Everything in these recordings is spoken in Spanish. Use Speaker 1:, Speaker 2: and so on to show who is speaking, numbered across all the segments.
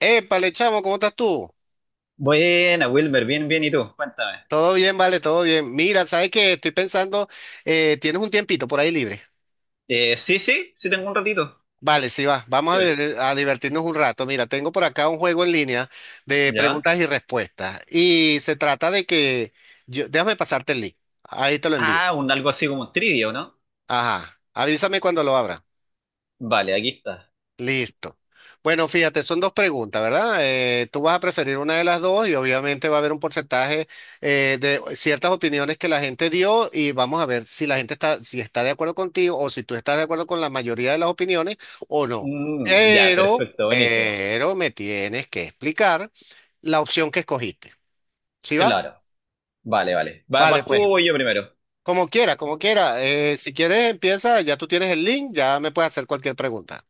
Speaker 1: Épale, chamo, ¿cómo estás tú?
Speaker 2: Buena, Wilmer, bien, bien, ¿y tú? Cuéntame.
Speaker 1: Todo bien, vale, todo bien. Mira, ¿sabes qué? Estoy pensando, tienes un tiempito por ahí libre.
Speaker 2: Sí, sí, sí tengo un ratito.
Speaker 1: Vale, sí va, vamos a,
Speaker 2: Dime.
Speaker 1: a divertirnos un rato. Mira, tengo por acá un juego en línea de
Speaker 2: ¿Ya?
Speaker 1: preguntas y respuestas. Y se trata de que, yo, déjame pasarte el link. Ahí te lo envío.
Speaker 2: Ah, un algo así como un trivia, ¿o ¿no?
Speaker 1: Ajá, avísame cuando lo abra.
Speaker 2: Vale, aquí está.
Speaker 1: Listo. Bueno, fíjate, son dos preguntas, ¿verdad? Tú vas a preferir una de las dos y obviamente va a haber un porcentaje de ciertas opiniones que la gente dio y vamos a ver si la gente está, si está de acuerdo contigo o si tú estás de acuerdo con la mayoría de las opiniones o no.
Speaker 2: Mm, ya,
Speaker 1: Pero,
Speaker 2: perfecto, buenísimo.
Speaker 1: pero me tienes que explicar la opción que escogiste. ¿Sí va?
Speaker 2: Claro, vale, vale.
Speaker 1: Vale,
Speaker 2: ¿Vas tú o
Speaker 1: pues,
Speaker 2: voy yo primero?
Speaker 1: como quiera, como quiera. Si quieres, empieza, ya tú tienes el link, ya me puedes hacer cualquier pregunta.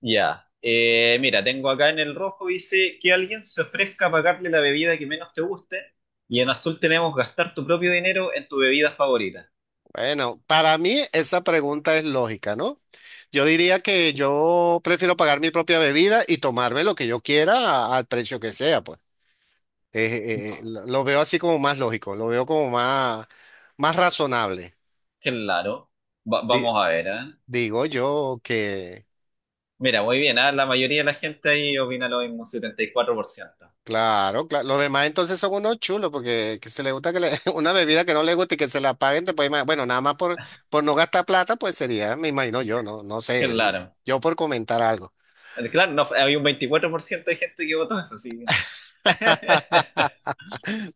Speaker 2: Ya. Mira, tengo acá en el rojo, dice que alguien se ofrezca a pagarle la bebida que menos te guste. Y en azul tenemos gastar tu propio dinero en tu bebida favorita.
Speaker 1: Bueno, para mí esa pregunta es lógica, ¿no? Yo diría que yo prefiero pagar mi propia bebida y tomarme lo que yo quiera al precio que sea, pues. Lo veo así como más lógico, lo veo como más, más razonable.
Speaker 2: Claro.
Speaker 1: Di-
Speaker 2: Vamos a ver, ¿eh?
Speaker 1: digo yo que,
Speaker 2: Mira, muy bien, ah, la mayoría de la gente ahí opina lo mismo, 74%.
Speaker 1: claro, claro, los demás entonces son unos chulos porque que se le gusta que le- una bebida que no le guste y que se la paguen, bueno, nada más por no gastar plata, pues sería, me imagino yo, no, no sé, digo,
Speaker 2: Claro.
Speaker 1: yo por comentar algo.
Speaker 2: Claro, no, había un 24% de gente que votó eso, sí.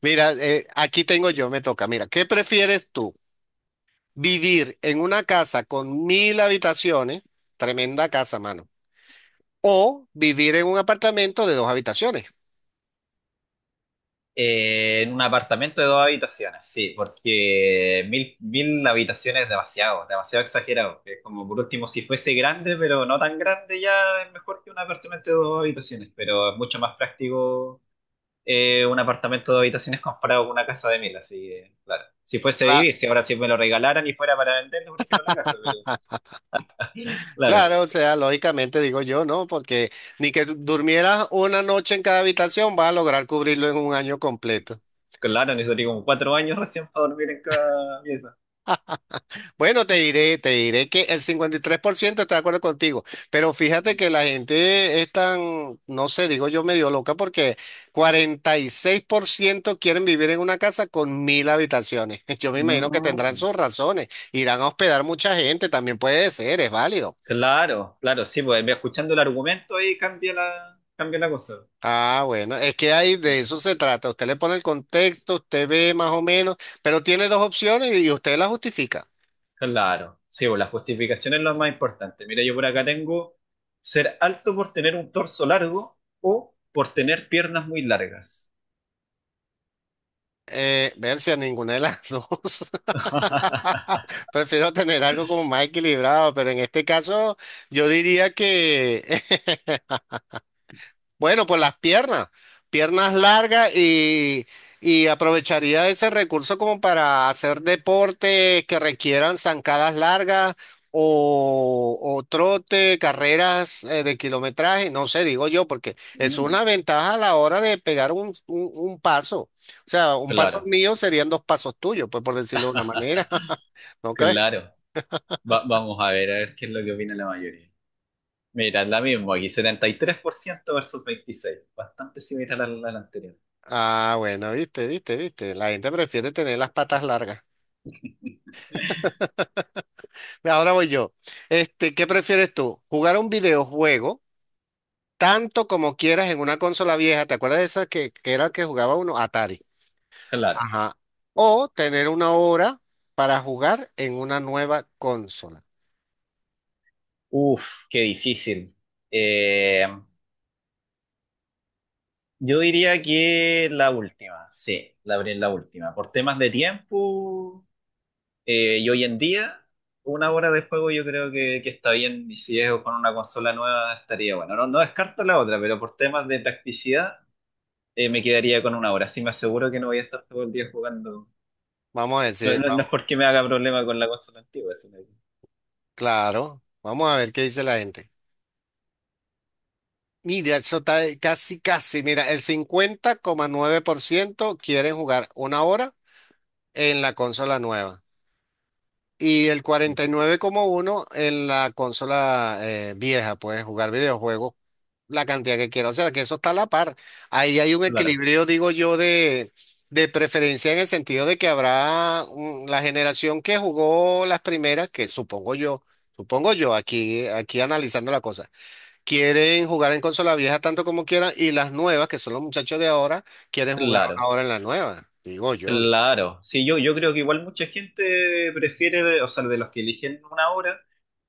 Speaker 1: Mira, aquí tengo yo, me toca. Mira, ¿qué prefieres tú? ¿Vivir en una casa con mil habitaciones? Tremenda casa, mano. ¿O vivir en un apartamento de dos habitaciones?
Speaker 2: En un apartamento de dos habitaciones, sí, porque mil, mil habitaciones es demasiado, demasiado exagerado. Es como por último, si fuese grande, pero no tan grande, ya es mejor que un apartamento de dos habitaciones, pero es mucho más práctico un apartamento de dos habitaciones comparado con una casa de mil, así que, claro. Si fuese
Speaker 1: Ra-
Speaker 2: vivir, si ahora si me lo regalaran y fuera para venderlo, prefiero la casa, pero claro,
Speaker 1: Claro, o sea, lógicamente digo yo, ¿no? Porque ni que durmieras una noche en cada habitación vas a lograr cubrirlo en un año completo.
Speaker 2: claro, necesitaría como 4 años recién para dormir en cada pieza.
Speaker 1: Bueno, te diré que el 53% está de acuerdo contigo, pero fíjate que la gente es tan, no sé, digo yo medio loca porque 46% quieren vivir en una casa con mil habitaciones. Yo me imagino que tendrán
Speaker 2: Mm.
Speaker 1: sus razones, irán a hospedar mucha gente, también puede ser, es válido.
Speaker 2: Claro, claro, sí, pues escuchando el argumento ahí cambia la cosa.
Speaker 1: Ah, bueno, es que ahí
Speaker 2: Eh,
Speaker 1: de eso se trata. Usted le pone el contexto, usted ve más o menos, pero tiene dos opciones y usted la justifica.
Speaker 2: Claro, sí, pues la justificación es lo más importante. Mira, yo por acá tengo ser alto por tener un torso largo o por tener piernas muy largas.
Speaker 1: Ver si a ninguna de las dos. Prefiero tener algo como más equilibrado, pero en este caso yo diría que, bueno, pues las piernas, piernas largas y aprovecharía ese recurso como para hacer deportes que requieran zancadas largas o trote, carreras de kilometraje, no sé, digo yo, porque es
Speaker 2: Mm.
Speaker 1: una ventaja a la hora de pegar un, un paso. O sea, un paso
Speaker 2: Claro,
Speaker 1: mío serían dos pasos tuyos, pues por decirlo de una manera, ¿no crees?
Speaker 2: claro. Vamos a ver qué es lo que opina la mayoría. Mira, la misma aquí, 73% versus 26%, bastante similar a la anterior.
Speaker 1: Ah, bueno, viste, viste, viste. La gente prefiere tener las patas largas. Ve, ahora voy yo. Este, ¿qué prefieres tú? ¿Jugar un videojuego tanto como quieras en una consola vieja? ¿Te acuerdas de esas que era que jugaba uno? Atari.
Speaker 2: Claro.
Speaker 1: Ajá. O tener una hora para jugar en una nueva consola.
Speaker 2: Uf, qué difícil. Eh, yo diría que la última, sí, abrí la última. Por temas de tiempo, y hoy en día, una hora de juego yo creo que está bien, y si es con una consola nueva estaría bueno. No, no descarto la otra, pero por temas de practicidad, me quedaría con una hora. Así me aseguro que no voy a estar todo el día jugando.
Speaker 1: Vamos a
Speaker 2: No,
Speaker 1: decir,
Speaker 2: no
Speaker 1: vamos,
Speaker 2: es porque me haga problema con la consola antigua,
Speaker 1: claro. Vamos a ver qué dice la gente. Mira, eso está ahí, casi, casi. Mira, el 50,9% quieren jugar una hora en la consola nueva. Y el 49,1 en la consola vieja, puedes jugar videojuegos la cantidad que quieras. O sea, que eso está a la par. Ahí hay un
Speaker 2: claro,
Speaker 1: equilibrio, digo yo, de preferencia en el sentido de que habrá mm, la generación que jugó las primeras, que supongo yo, aquí, aquí analizando la cosa, quieren jugar en consola vieja tanto como quieran y las nuevas, que son los muchachos de ahora, quieren jugar
Speaker 2: claro,
Speaker 1: ahora en la nueva, digo yo. ¿No?
Speaker 2: claro. Sí, yo creo que igual mucha gente prefiere, o sea, de los que eligen una obra,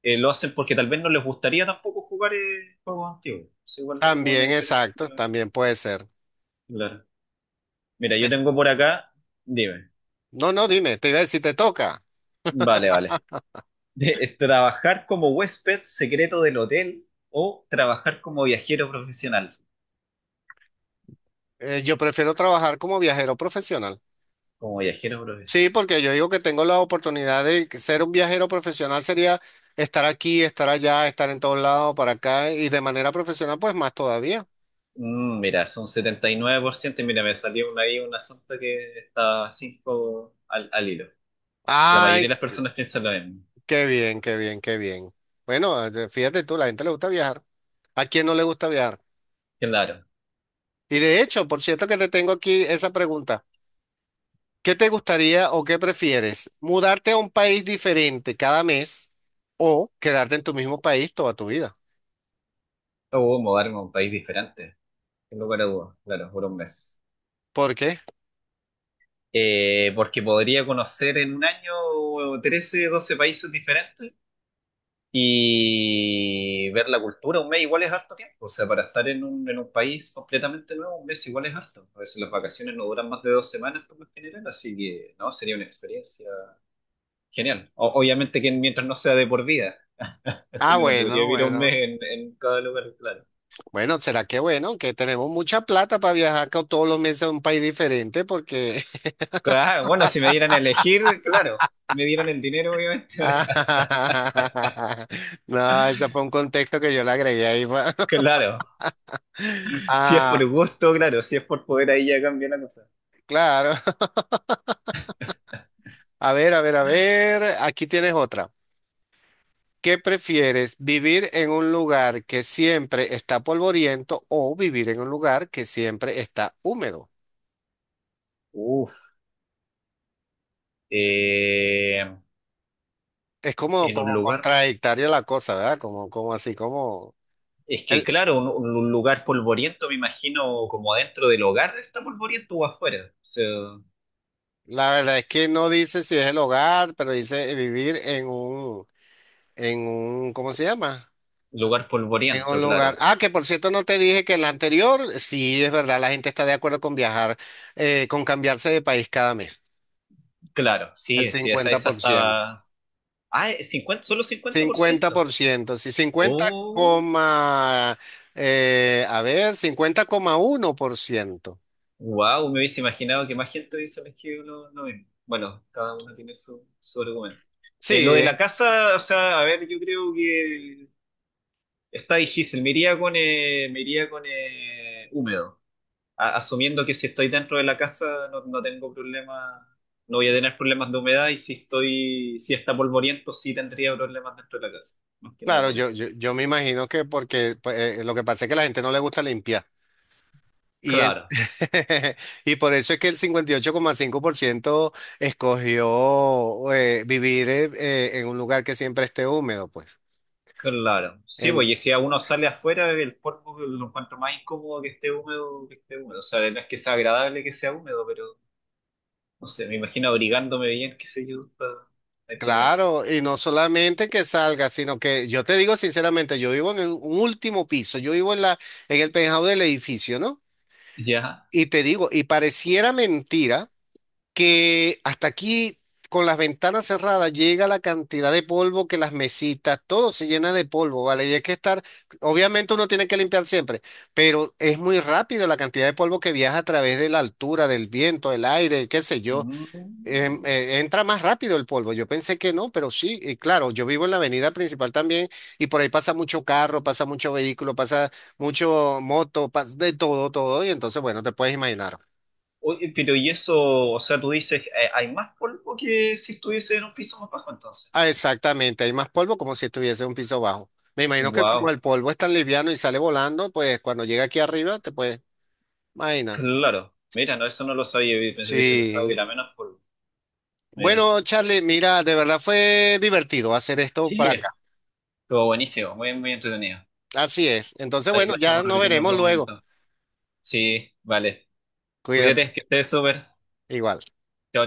Speaker 2: lo hacen porque tal vez no les gustaría tampoco jugar juegos antiguos. Es igual es como una
Speaker 1: También,
Speaker 2: diferencia que
Speaker 1: exacto,
Speaker 2: hay.
Speaker 1: también puede ser.
Speaker 2: Claro. Mira, yo tengo por acá dime,
Speaker 1: No, no, dime, te iba a decir, te toca.
Speaker 2: vale, vale. Trabajar como huésped secreto del hotel o trabajar como viajero profesional.
Speaker 1: Yo prefiero trabajar como viajero profesional.
Speaker 2: Como viajero.
Speaker 1: Sí, porque yo digo que tengo la oportunidad de que ser un viajero profesional sería estar aquí, estar allá, estar en todos lados, para acá y de manera profesional, pues más todavía.
Speaker 2: Mm, mira, son 79% y mira, me salió ahí un asunto que está 5 al, al hilo. La mayoría de
Speaker 1: Ay,
Speaker 2: las personas piensan lo mismo.
Speaker 1: qué bien, qué bien, qué bien. Bueno, fíjate tú, la gente le gusta viajar. ¿A quién no le gusta viajar?
Speaker 2: Claro.
Speaker 1: Y de hecho, por cierto que te tengo aquí esa pregunta. ¿Qué te gustaría o qué prefieres? ¿Mudarte a un país diferente cada mes o quedarte en tu mismo país toda tu vida?
Speaker 2: O mudarme a un país diferente. Sin lugar a dudas, claro, por un mes.
Speaker 1: ¿Por qué?
Speaker 2: Porque podría conocer en un año 13 12 países diferentes y ver la cultura. Un mes igual es harto tiempo. O sea, para estar en un país completamente nuevo, un mes igual es harto. A veces las vacaciones no duran más de 2 semanas por lo general, así que no, sería una experiencia genial. Obviamente que mientras no sea de por vida. Así
Speaker 1: Ah,
Speaker 2: no lo podría
Speaker 1: bueno,
Speaker 2: vivir un mes
Speaker 1: bueno.
Speaker 2: en, cada lugar, claro.
Speaker 1: Bueno, ¿será que bueno? Que tenemos mucha plata para viajar todos los meses a un país diferente porque...
Speaker 2: Ah, bueno, si me dieran a elegir, claro. Me dieran el dinero, obviamente.
Speaker 1: Ah,
Speaker 2: ahora,
Speaker 1: no, ese fue un contexto que yo le agregué ahí.
Speaker 2: claro. Si es por
Speaker 1: Ah,
Speaker 2: gusto, claro. Si es por poder, ahí ya cambia la cosa.
Speaker 1: claro. A ver, a ver, a ver. Aquí tienes otra. ¿Qué prefieres? ¿Vivir en un lugar que siempre está polvoriento o vivir en un lugar que siempre está húmedo?
Speaker 2: Uf. Eh,
Speaker 1: Es como,
Speaker 2: en un
Speaker 1: como
Speaker 2: lugar.
Speaker 1: contradictoria la cosa, ¿verdad? Como, como así, como...
Speaker 2: Es que,
Speaker 1: El-
Speaker 2: claro, un lugar polvoriento, me imagino, como adentro del hogar está polvoriento o afuera. O sea,
Speaker 1: la verdad es que no dice si es el hogar, pero dice vivir en un, ¿cómo se llama?
Speaker 2: lugar
Speaker 1: En
Speaker 2: polvoriento,
Speaker 1: un lugar.
Speaker 2: claro.
Speaker 1: Ah, que por cierto no te dije que el anterior, sí, es verdad, la gente está de acuerdo con viajar, con cambiarse de país cada mes.
Speaker 2: Claro,
Speaker 1: El
Speaker 2: sí, sí,
Speaker 1: cincuenta cincuenta
Speaker 2: esa
Speaker 1: por ciento,
Speaker 2: estaba. Ah, 50, solo cincuenta por
Speaker 1: cincuenta
Speaker 2: ciento.
Speaker 1: por ciento, sí, cincuenta
Speaker 2: Oh,
Speaker 1: coma, a ver, 50,1%.
Speaker 2: wow, me hubiese imaginado que más gente hubiese elegido lo mismo. Bueno, cada uno tiene su argumento. Lo de
Speaker 1: Sí,
Speaker 2: la casa, o sea, a ver, yo creo que está difícil. Me iría con húmedo, asumiendo que si estoy dentro de la casa no, tengo problema, no voy a tener problemas de humedad y si está polvoriento sí tendría problemas dentro de la casa. Más que nada
Speaker 1: claro,
Speaker 2: por
Speaker 1: yo,
Speaker 2: eso.
Speaker 1: yo, yo me imagino que porque pues, lo que pasa es que a la gente no le gusta limpiar. Y, en-
Speaker 2: Claro,
Speaker 1: y por eso es que el 58,5% escogió vivir en un lugar que siempre esté húmedo, pues.
Speaker 2: claro, sí, pues
Speaker 1: En-
Speaker 2: y si a uno sale afuera, el polvo lo encuentro más incómodo que esté húmedo, que esté húmedo. O sea, no es que sea agradable que sea húmedo, pero no sé, me imagino abrigándome bien, qué sé yo, no hay problema.
Speaker 1: claro, y no solamente que salga, sino que yo te digo sinceramente, yo vivo en un último piso, yo vivo en la, en el penthouse del edificio, ¿no?
Speaker 2: Ya.
Speaker 1: Y te digo, y pareciera mentira que hasta aquí, con las ventanas cerradas, llega la cantidad de polvo que las mesitas, todo se llena de polvo, ¿vale? Y hay que estar, obviamente uno tiene que limpiar siempre, pero es muy rápido la cantidad de polvo que viaja a través de la altura, del viento, del aire, qué sé yo.
Speaker 2: Mm.
Speaker 1: Entra más rápido el polvo. Yo pensé que no, pero sí, y claro, yo vivo en la avenida principal también y por ahí pasa mucho carro, pasa mucho vehículo, pasa mucho moto, pasa de todo, todo, y entonces, bueno, te puedes imaginar.
Speaker 2: Oye, pero y eso, o sea, tú dices, hay más polvo que si estuviese en un piso más bajo entonces.
Speaker 1: Ah, exactamente, hay más polvo como si estuviese en un piso bajo. Me imagino que como
Speaker 2: Wow,
Speaker 1: el polvo es tan liviano y sale volando, pues cuando llega aquí arriba te puedes imaginar.
Speaker 2: claro. Mira, no, eso no lo sabía, hubiese pensado que
Speaker 1: Sí.
Speaker 2: era menos polvo. Mira.
Speaker 1: Bueno, Charlie, mira, de verdad fue divertido hacer esto
Speaker 2: Sí,
Speaker 1: para acá.
Speaker 2: mira. Estuvo buenísimo, muy, muy entretenido.
Speaker 1: Así es. Entonces,
Speaker 2: Ahí
Speaker 1: bueno,
Speaker 2: lo
Speaker 1: ya
Speaker 2: estamos
Speaker 1: nos
Speaker 2: repitiendo en
Speaker 1: veremos
Speaker 2: otro
Speaker 1: luego.
Speaker 2: momento. Sí, vale.
Speaker 1: Cuídate.
Speaker 2: Cuídate, que estés súper.
Speaker 1: Igual.
Speaker 2: Chao,